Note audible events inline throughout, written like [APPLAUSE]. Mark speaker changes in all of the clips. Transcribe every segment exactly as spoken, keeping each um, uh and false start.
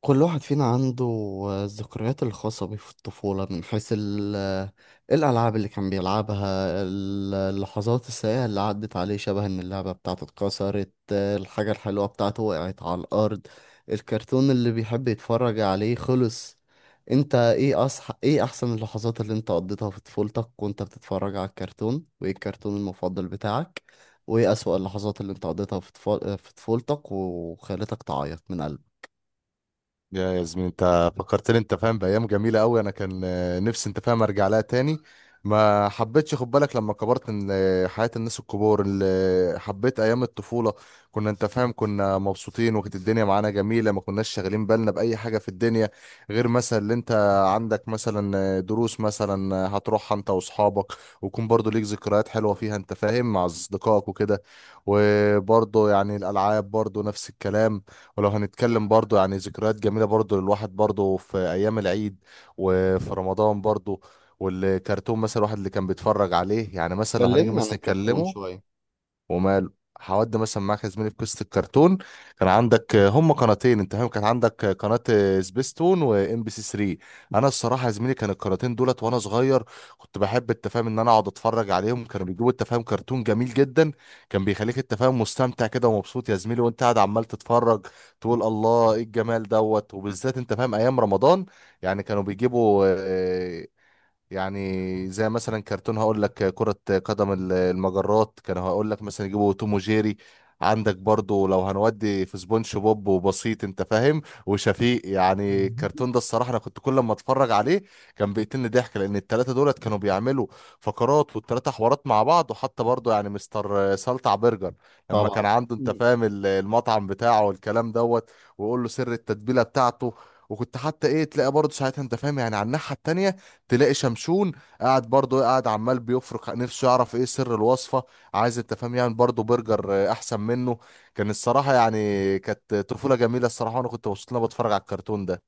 Speaker 1: كل واحد فينا عنده الذكريات الخاصة بيه في الطفولة، من حيث ال- الألعاب اللي كان بيلعبها، ال- اللحظات السيئة اللي عدت عليه، شبه إن اللعبة بتاعته اتكسرت، الحاجة الحلوة بتاعته وقعت على الأرض، الكرتون اللي بيحب يتفرج عليه خلص. انت ايه أصح... ايه أحسن اللحظات اللي انت قضيتها في طفولتك وانت بتتفرج على الكرتون، وايه الكرتون المفضل بتاعك، وايه أسوأ اللحظات اللي انت قضيتها في طفو- في طفولتك وخلتك تعيط من قلبك؟
Speaker 2: يا ياسمين، انت فكرتني، انت فاهم، بايام جميله قوي. انا كان آه، نفسي، انت فاهم، ارجع لها تاني. ما حبيتش خد بالك لما كبرت ان آه، حياه الناس الكبار اللي حبيت ايام الطفوله. كنا، انت فاهم، كنا مبسوطين، وكانت الدنيا معانا جميله، ما كناش شاغلين بالنا باي حاجه في الدنيا. غير مثلا اللي انت عندك مثلا آه، دروس مثلا آه، هتروحها انت واصحابك، ويكون برضو ليك ذكريات حلوه فيها، انت فاهم، مع اصدقائك وكده. وبرضو يعني الالعاب برضو نفس الكلام. ولو هنتكلم برضو يعني ذكريات جميلة برضو للواحد، برضو في أيام العيد وفي رمضان برضو. والكرتون مثلا الواحد اللي كان بيتفرج عليه، يعني مثلا لو هنيجي
Speaker 1: كلمني عن
Speaker 2: مثلا
Speaker 1: الكرتون
Speaker 2: نتكلمه.
Speaker 1: شوية.
Speaker 2: ومال، هودي مثلا معاك يا زميلي في قصه الكرتون. كان عندك هم قناتين، انت فاهم، كان عندك قناه سبيستون وام بي سي ثلاثة. انا الصراحه يا زميلي كان القناتين دولت وانا صغير، كنت بحب التفاهم ان انا اقعد اتفرج عليهم. كانوا بيجيبوا التفاهم كرتون جميل جدا، كان بيخليك التفاهم مستمتع كده ومبسوط يا زميلي وانت قاعد عمال تتفرج، تقول الله ايه الجمال دوت. وبالذات، انت فاهم، ايام رمضان يعني كانوا بيجيبوا آه، يعني زي مثلا كرتون، هقول لك كرة قدم ال- المجرات، كانوا هقول لك مثلا يجيبوا توم وجيري. عندك برضو لو هنودي في سبونج بوب وبسيط، انت فاهم، وشفيق. يعني
Speaker 1: مهم.
Speaker 2: الكرتون ده الصراحة انا كنت كل ما اتفرج عليه كان بيقتلني ضحك، لان التلاتة دولت كانوا بيعملوا فقرات والتلاتة حوارات مع بعض. وحتى برضو يعني مستر سلطع برجر لما كان
Speaker 1: طبعا.
Speaker 2: عنده، انت
Speaker 1: مم.
Speaker 2: فاهم، ال- المطعم بتاعه والكلام دوت، ويقول له سر التتبيلة بتاعته. وكنت حتى ايه، تلاقي برضه ساعتها، انت فاهم، يعني على الناحية التانية تلاقي شمشون قاعد برضه، قاعد عمال بيفرك نفسه يعرف ايه سر الوصفة، عايز، انت فاهم، يعني برضه برجر آه، احسن منه. كان الصراحة يعني كانت طفولة جميلة الصراحة، وانا كنت مبسوط ان انا بتفرج على الكرتون ده.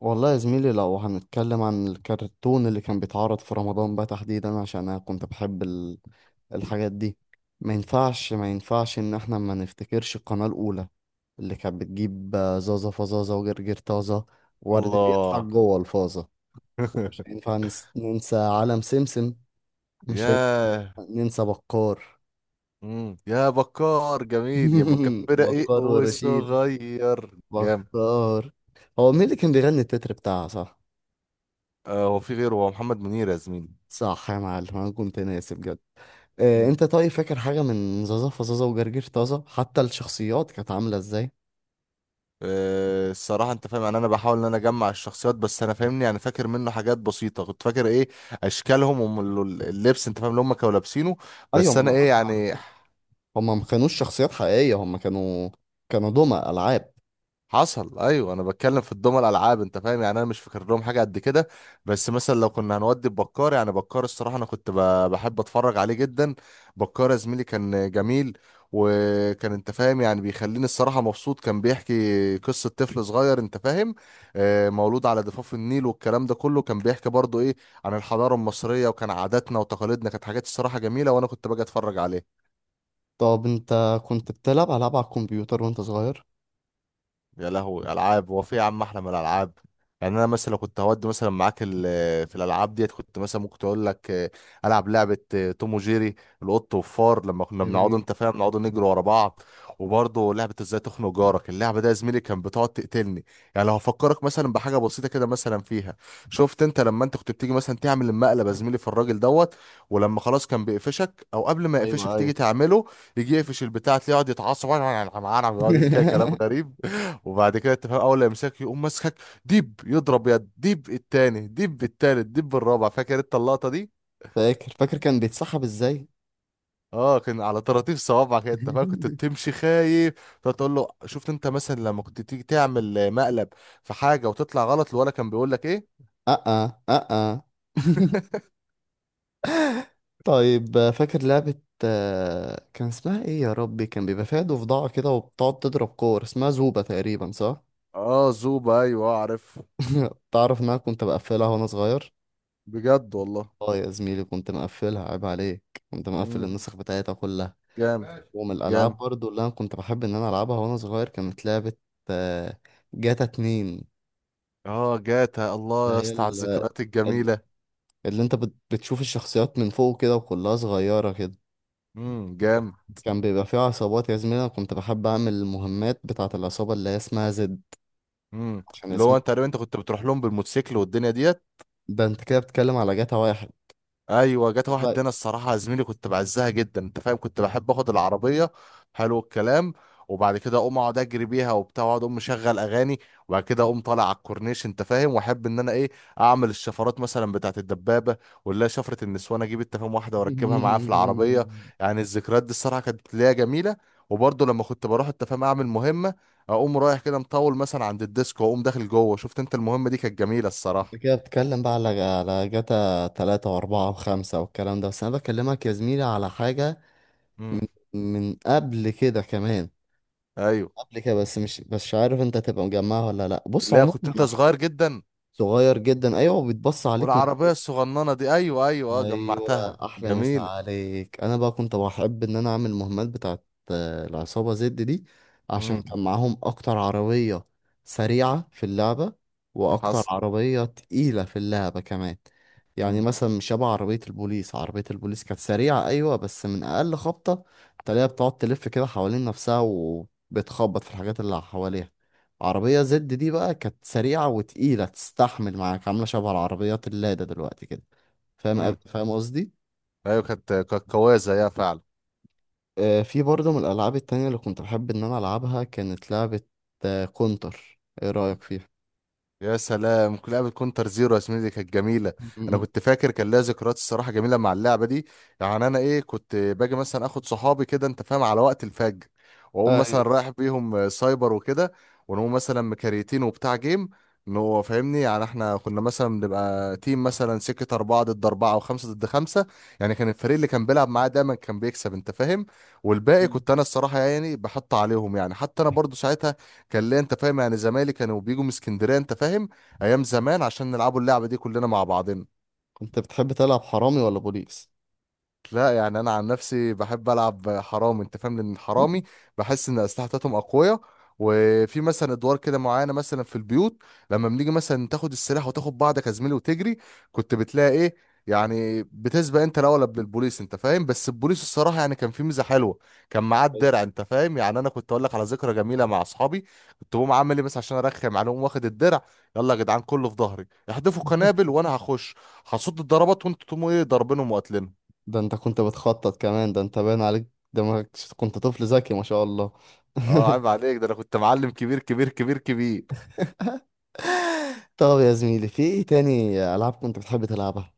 Speaker 1: والله يا زميلي، لو هنتكلم عن الكرتون اللي كان بيتعرض في رمضان بقى تحديدا، عشان انا كنت بحب ال... الحاجات دي، ما ينفعش ما ينفعش ان احنا ما نفتكرش القناة الاولى اللي كانت بتجيب آه، زازا فزازا وجرجير طازة ورد بيضحك
Speaker 2: الله.
Speaker 1: جوه الفازة. ومش
Speaker 2: [LAUGHS]
Speaker 1: هينفع نس- ننسى عالم سمسم، مش هينفع
Speaker 2: ياه.
Speaker 1: ننسى بكار.
Speaker 2: مم. يا بكار، جميل يا بكار،
Speaker 1: [LAUGHS]
Speaker 2: فرق ايه
Speaker 1: بكار ورشيد،
Speaker 2: وصغير. جامد.
Speaker 1: بكار. هو مين اللي كان بيغني التتر بتاعها، صح؟
Speaker 2: آه، هو في غيره، هو محمد منير يا زميلي.
Speaker 1: صح يا معلم، انا كنت ناسي بجد. آه، انت طيب فاكر حاجه من زازا فزازا وجرجير طازه، حتى الشخصيات كانت عامله ازاي؟
Speaker 2: آه، الصراحة، انت فاهم، يعني انا بحاول ان انا اجمع الشخصيات، بس انا فاهمني يعني فاكر منه حاجات بسيطة. كنت فاكر ايه اشكالهم واللبس، انت فاهم، اللي هم كانوا لابسينه،
Speaker 1: ايوه،
Speaker 2: بس
Speaker 1: ما
Speaker 2: انا
Speaker 1: انا
Speaker 2: ايه
Speaker 1: قصدي
Speaker 2: يعني.
Speaker 1: على- هما ما كانوش شخصيات حقيقيه، هما كانوا كانوا دمى العاب.
Speaker 2: حصل، ايوه، انا بتكلم في الدول الالعاب، انت فاهم، يعني انا مش فاكر لهم حاجه قد كده. بس مثلا لو كنا هنودي بكار، يعني بكار الصراحه انا كنت ب- بحب اتفرج عليه جدا. بكار يا زميلي كان جميل، وكان، انت فاهم، يعني بيخليني الصراحه مبسوط. كان بيحكي قصه طفل صغير، انت فاهم، آه، مولود على ضفاف النيل، والكلام ده كله كان بيحكي برضو ايه عن الحضاره المصريه، وكان عاداتنا وتقاليدنا كانت حاجات الصراحه جميله، وانا كنت باجي اتفرج عليه.
Speaker 1: طب انت كنت بتلعب العاب على الكمبيوتر وانت صغير؟
Speaker 2: يا لهوي، العاب هو في يا عم احلى من الالعاب. يعني انا مثلا لو كنت هودي مثلا معاك ال- في الالعاب ديت، كنت مثلا ممكن تقول لك آه، العب لعبه آه، توم وجيري، القط والفار، لما كنا بنقعد،
Speaker 1: جميل.
Speaker 2: انت فاهم، نقعد نجري ورا بعض. وبرضه لعبه ازاي تخنق جارك، اللعبه ده يا زميلي كان بتقعد تقتلني. يعني لو هفكرك مثلا بحاجه بسيطه كده مثلا فيها، شفت انت لما انت كنت بتيجي مثلا تعمل المقلب يا زميلي في الراجل دوت، ولما خلاص كان بيقفشك، او قبل ما يقفشك
Speaker 1: ايوه
Speaker 2: تيجي
Speaker 1: ايوه.
Speaker 2: تعمله، يجي يقفش البتاع، تلاقيه يقعد يتعصب. [LAUGHS] يقعد كده كلام
Speaker 1: [LAUGHS]
Speaker 2: غريب. وبعد كده تفهم اول لا يمسكك، يقوم ماسكك، ديب يضرب يد ديب التاني ديب التالت ديب الرابع. فاكر انت اللقطه دي؟
Speaker 1: فاكر فاكر كان بيتسحب ازاي.
Speaker 2: اه، كان على طراطيف صوابعك، انت فاهم، كنت
Speaker 1: [LAUGHS]
Speaker 2: بتمشي خايف. تقعد تقول له شفت انت مثلا لما كنت تيجي تعمل آه، مقلب في حاجه وتطلع غلط، الولا كان بيقول لك ايه.
Speaker 1: اه اه اه. [LAUGHS]
Speaker 2: [LAUGHS]
Speaker 1: طيب آه، فاكر لعبة آه، كان اسمها ايه يا ربي، كان بيبقى فيها ضفدعة كده وبتقعد تضرب كور، اسمها زوبة تقريبا، صح؟
Speaker 2: اه، زوبا، ايوه اعرف.
Speaker 1: [LAUGHS] تعرف ان انا كنت بقفلها وانا صغير؟
Speaker 2: بجد والله.
Speaker 1: اه يا زميلي، كنت مقفلها، عيب عليك. كنت مقفل
Speaker 2: امم.
Speaker 1: النسخ بتاعتها كلها.
Speaker 2: جامد.
Speaker 1: ومن الالعاب
Speaker 2: جامد.
Speaker 1: برضو اللي انا كنت بحب ان انا العبها وانا صغير، كانت لعبة آه، جاتا اتنين،
Speaker 2: اه، جاتا، الله
Speaker 1: اللي
Speaker 2: يا
Speaker 1: هي
Speaker 2: اسطى على
Speaker 1: ال-
Speaker 2: الذكريات
Speaker 1: ال-
Speaker 2: الجميله.
Speaker 1: اللي انت بت- بتشوف الشخصيات من فوق كده وكلها صغيرة كده.
Speaker 2: امم. جامد.
Speaker 1: كان بيبقى فيها عصابات يا زميلي، انا كنت بحب اعمل المهمات بتاعة العصابة اللي هي اسمها زد،
Speaker 2: امم.
Speaker 1: عشان
Speaker 2: اللي هو
Speaker 1: اسمه.
Speaker 2: انت تقريبا انت كنت بتروح لهم بالموتوسيكل والدنيا ديت.
Speaker 1: ده انت كده بتتكلم على جاتا واحد.
Speaker 2: ايوه، جت واحد
Speaker 1: بقى-
Speaker 2: دينا الصراحه يا زميلي كنت بعزها جدا، انت فاهم، كنت بحب اخد العربيه. حلو الكلام. وبعد كده اقوم اقعد اجري بيها وبتاع، واقعد اقوم مشغل اغاني، وبعد كده اقوم طالع على الكورنيش، انت فاهم، واحب ان انا ايه اعمل الشفرات مثلا بتاعت الدبابه، ولا شفره النسوان اجيب، انت فاهم، واحده واركبها معاها في العربيه.
Speaker 1: [LAUGHS]
Speaker 2: يعني الذكريات دي الصراحه كانت ليا جميله. وبرضه لما كنت بروح، انت فاهم، اعمل مهمه، اقوم رايح كده مطول مثلا عند الديسكو، واقوم داخل جوه، شفت انت المهمه دي كانت جميله
Speaker 1: انت
Speaker 2: الصراحه.
Speaker 1: كده بتتكلم بقى على على جاتا تلاتة واربعة وخمسة والكلام ده، بس انا بكلمك يا زميلي على حاجة
Speaker 2: مم.
Speaker 1: من من قبل كده كمان.
Speaker 2: ايوه.
Speaker 1: قبل كده، بس مش بس مش عارف انت تبقى مجمعها ولا لا. بص،
Speaker 2: لا،
Speaker 1: عموما
Speaker 2: كنت انت
Speaker 1: انا هحكي.
Speaker 2: صغير جدا.
Speaker 1: صغير جدا ايوه، وبيتبص عليك من
Speaker 2: والعربية الصغننة دي، أيوة أيوة، أه
Speaker 1: ايوه.
Speaker 2: جمعتها
Speaker 1: احلى مسا
Speaker 2: جميلة.
Speaker 1: عليك، انا بقى كنت بحب ان انا اعمل مهمات بتاعت آه، العصابه زد دي، عشان
Speaker 2: امم.
Speaker 1: كان معاهم اكتر عربيه سريعه في اللعبه، واكتر
Speaker 2: حصل.
Speaker 1: عربيه تقيله في اللعبه كمان. يعني
Speaker 2: امم.
Speaker 1: مثلا مش شبه عربيه البوليس، عربيه البوليس كانت سريعه ايوه، بس من اقل خبطه تلاقيها بتقعد تلف كده حوالين نفسها وبتخبط في الحاجات اللي حواليها. عربيه زد دي بقى كانت سريعه وتقيله، تستحمل معاك، عامله شبه العربيات اللاده دلوقتي كده. فاهم،
Speaker 2: امم.
Speaker 1: فاهم قصدي.
Speaker 2: أيوة، كانت كانت قوية زيها فعلا.
Speaker 1: آه، في برضه من الألعاب التانية اللي كنت بحب إن أنا ألعبها، كانت لعبة آه، كونتر، إيه رأيك فيها؟
Speaker 2: يا سلام، كل لعبة كونتر زيرو يا زميلي دي كانت جميلة. أنا
Speaker 1: م-
Speaker 2: كنت فاكر كان لها ذكريات الصراحة جميلة مع اللعبة دي. يعني أنا إيه، كنت باجي مثلا آخد صحابي كده، أنت فاهم، على وقت الفجر، وأقوم مثلا
Speaker 1: أيوة.
Speaker 2: رايح بيهم آه، سايبر وكده، ونقوم مثلا مكاريتين وبتاع جيم. إنه فاهمني، يعني إحنا كنا مثلا بنبقى تيم مثلا سكة أربعة ضد أربعة أو خمسة ضد خمسة. يعني كان الفريق اللي كان بيلعب معاه دايما كان بيكسب، أنت فاهم، والباقي
Speaker 1: م.
Speaker 2: كنت أنا الصراحة يعني بحط عليهم. يعني حتى أنا برضو ساعتها كان ليه، انت فاهم، يعني زمايلي كانوا بيجوا من اسكندريه، انت فاهم، ايام زمان، عشان نلعبوا اللعبه دي كلنا مع بعضنا.
Speaker 1: كنت بتحب تلعب حرامي ولا بوليس؟
Speaker 2: لا، يعني انا عن نفسي بحب العب حرامي، انت فاهم، لان الحرامي
Speaker 1: [LAUGHS]
Speaker 2: بحس ان الاسلحه بتاعتهم اقويه، وفي مثلا ادوار كده معينه مثلا في البيوت. لما بنيجي مثلا تاخد السلاح وتاخد بعضك يا زميلي وتجري، كنت بتلاقي ايه يعني بتسبق انت الاول قبل البوليس، انت فاهم. بس البوليس الصراحه يعني كان في ميزه حلوه، كان معاه
Speaker 1: أيوة.
Speaker 2: الدرع، انت فاهم. يعني انا كنت اقول لك على ذكرى جميله مع اصحابي، كنت بقوم عامل ايه بس عشان ارخم عليهم واخد الدرع. يلا يا جدعان، كله في ظهري، احدفوا قنابل وانا هخش، هصد الضربات، وانتوا تقوموا ايه ضاربينهم وقتلين.
Speaker 1: ده أنت كنت بتخطط كمان، ده أنت باين عليك دماغك، ش- كنت طفل ذكي ما شاء الله.
Speaker 2: اه، عيب
Speaker 1: [LAUGHS]
Speaker 2: عليك، ده انا كنت معلم كبير كبير كبير كبير.
Speaker 1: طب يا زميلي، في إيه تاني ألعاب كنت بتحب تلعبها؟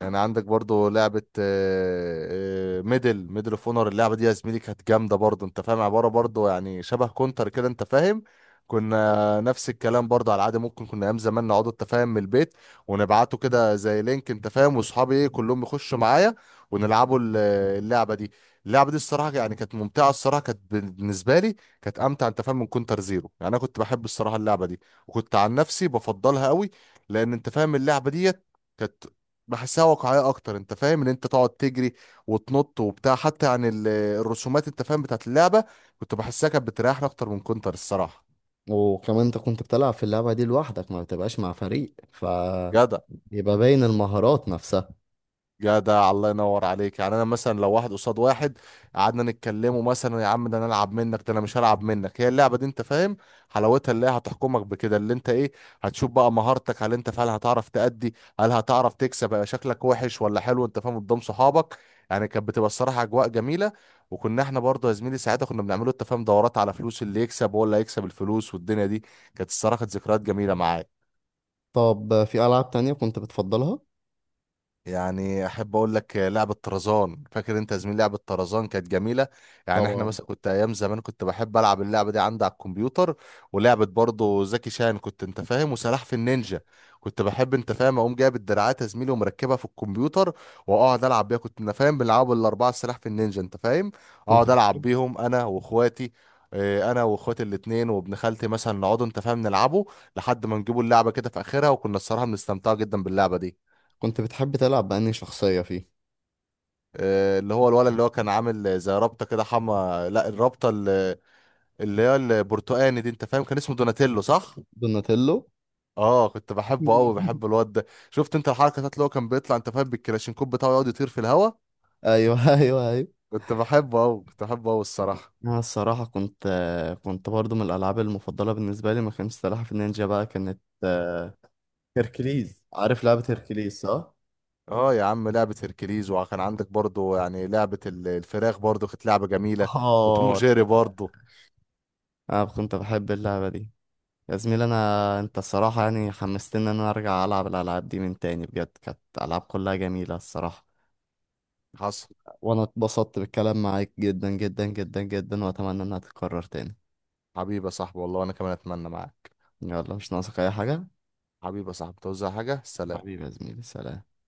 Speaker 2: يعني عندك برضو لعبة آه، آه، ميدل ميدل اوف اونر، اللعبة دي يا زميلي كانت جامدة برضو، انت فاهم، عبارة برضو يعني شبه كونتر كده، انت فاهم. كنا
Speaker 1: أيوة.
Speaker 2: نفس الكلام برضو على العادة، ممكن كنا ايام زمان نقعد، انت فاهم، من البيت، ونبعته كده زي لينك، انت فاهم، واصحابي ايه كلهم يخشوا معايا ونلعبوا ال- اللعبة دي. اللعبة دي الصراحة يعني كانت ممتعة، الصراحة كانت بالنسبة لي كانت امتع، انت فاهم، من كونتر زيرو. يعني انا كنت بحب الصراحة اللعبة دي، وكنت عن نفسي بفضلها قوي، لان انت فاهم اللعبة دي كانت بحسها واقعية أكتر، أنت فاهم، إن أنت تقعد تجري وتنط وبتاع. حتى عن ال- الرسومات، أنت فاهم، بتاعت اللعبة، كنت بحسها كانت بتريحني أكتر من كونتر الصراحة.
Speaker 1: وكمان أنت كنت بتلعب في اللعبة دي لوحدك، ما بتبقاش مع فريق فبيبقى
Speaker 2: جدع.
Speaker 1: باين المهارات نفسها.
Speaker 2: جدع، الله ينور عليك. يعني انا مثلا لو واحد قصاد واحد، قعدنا نتكلموا مثلا يا عم، ده انا العب منك، ده انا مش هلعب منك. هي اللعبه دي، انت فاهم، حلاوتها اللي هي هتحكمك بكده، اللي انت ايه هتشوف بقى مهارتك. هل انت فعلا هتعرف تأدي؟ هل هتعرف تكسب؟ هيبقى شكلك وحش ولا حلو، انت فاهم، قدام صحابك؟ يعني كانت بتبقى الصراحه اجواء جميله. وكنا احنا برضه يا زميلي ساعتها كنا بنعمله التفاهم دورات على فلوس، اللي يكسب هو اللي هيكسب الفلوس، والدنيا دي كانت الصراحه كانت ذكريات جميله معايا.
Speaker 1: طب في ألعاب تانية كنت بتفضلها؟
Speaker 2: يعني احب اقول لك لعبه طرزان، فاكر انت يا زميلي لعبه طرزان كانت جميله. يعني احنا
Speaker 1: طبعا.
Speaker 2: مثلا كنت ايام زمان كنت بحب العب اللعبه دي عندي على الكمبيوتر. ولعبه برضه زكي شان، كنت انت فاهم وسلاح في النينجا، كنت بحب انت فاهم اقوم جايب الدراعات يا زميلي ومركبها في الكمبيوتر، واقعد العب بيها. كنت انا فاهم بنلعبوا الاربعه سلاح في النينجا، انت فاهم،
Speaker 1: كنت
Speaker 2: اقعد العب
Speaker 1: بتحب
Speaker 2: بيهم انا واخواتي. اه، انا واخواتي الاتنين وابن خالتي مثلا نقعدوا، انت فاهم، نلعبوا، لحد ما نجيبوا اللعبه كده في اخرها. وكنا الصراحه بنستمتع جدا باللعبه دي.
Speaker 1: كنت بتحب تلعب بأنهي شخصية فيه؟
Speaker 2: آه، اللي هو الولد، اللي هو كان عامل زي رابطة كده، حما لا، الرابطة اللي، اللي هي البرتقاني دي، انت فاهم، كان اسمه دوناتيلو، صح؟
Speaker 1: دوناتيلو.
Speaker 2: اه كنت بحبه قوي،
Speaker 1: [LAUGHS]
Speaker 2: بحب الواد ده. شفت انت الحركة بتاعت اللي هو كان بيطلع، انت فاهم، بالكلاشينكوب بتاعه يقعد يطير في الهوا.
Speaker 1: أيوه أيوه أيوه.
Speaker 2: كنت بحبه قوي، كنت بحبه قوي الصراحة.
Speaker 1: أنا الصراحة كنت كنت برضو من الألعاب المفضلة بالنسبة لي، ما كانتش سلاحف النينجا بقى، كانت آه، هيركليز، عارف لعبة هيركليز، صح؟
Speaker 2: اه يا عم، لعبة هيركليز، وكان عندك برضو يعني لعبة ال- الفراخ برضو كانت لعبة جميلة، وتوم
Speaker 1: آه.
Speaker 2: وجيري برضو.
Speaker 1: أنا كنت بحب اللعبة دي. يا زميلي، أنا أنت الصراحة يعني حمستني إن أنا أرجع ألعب الألعاب دي من تاني، بجد كانت ألعاب كلها جميلة الصراحة.
Speaker 2: حصل.
Speaker 1: وانا اتبسطت بالكلام معاك جدا جدا جدا جدا، واتمنى انها تتكرر تاني.
Speaker 2: حبيبي يا صاحبي، والله انا كمان اتمنى معاك.
Speaker 1: يلا، مش ناقصك اي حاجة.
Speaker 2: حبيبي يا صاحبي، توزع حاجة، سلام.
Speaker 1: حبيبي يا زميلي، سلام.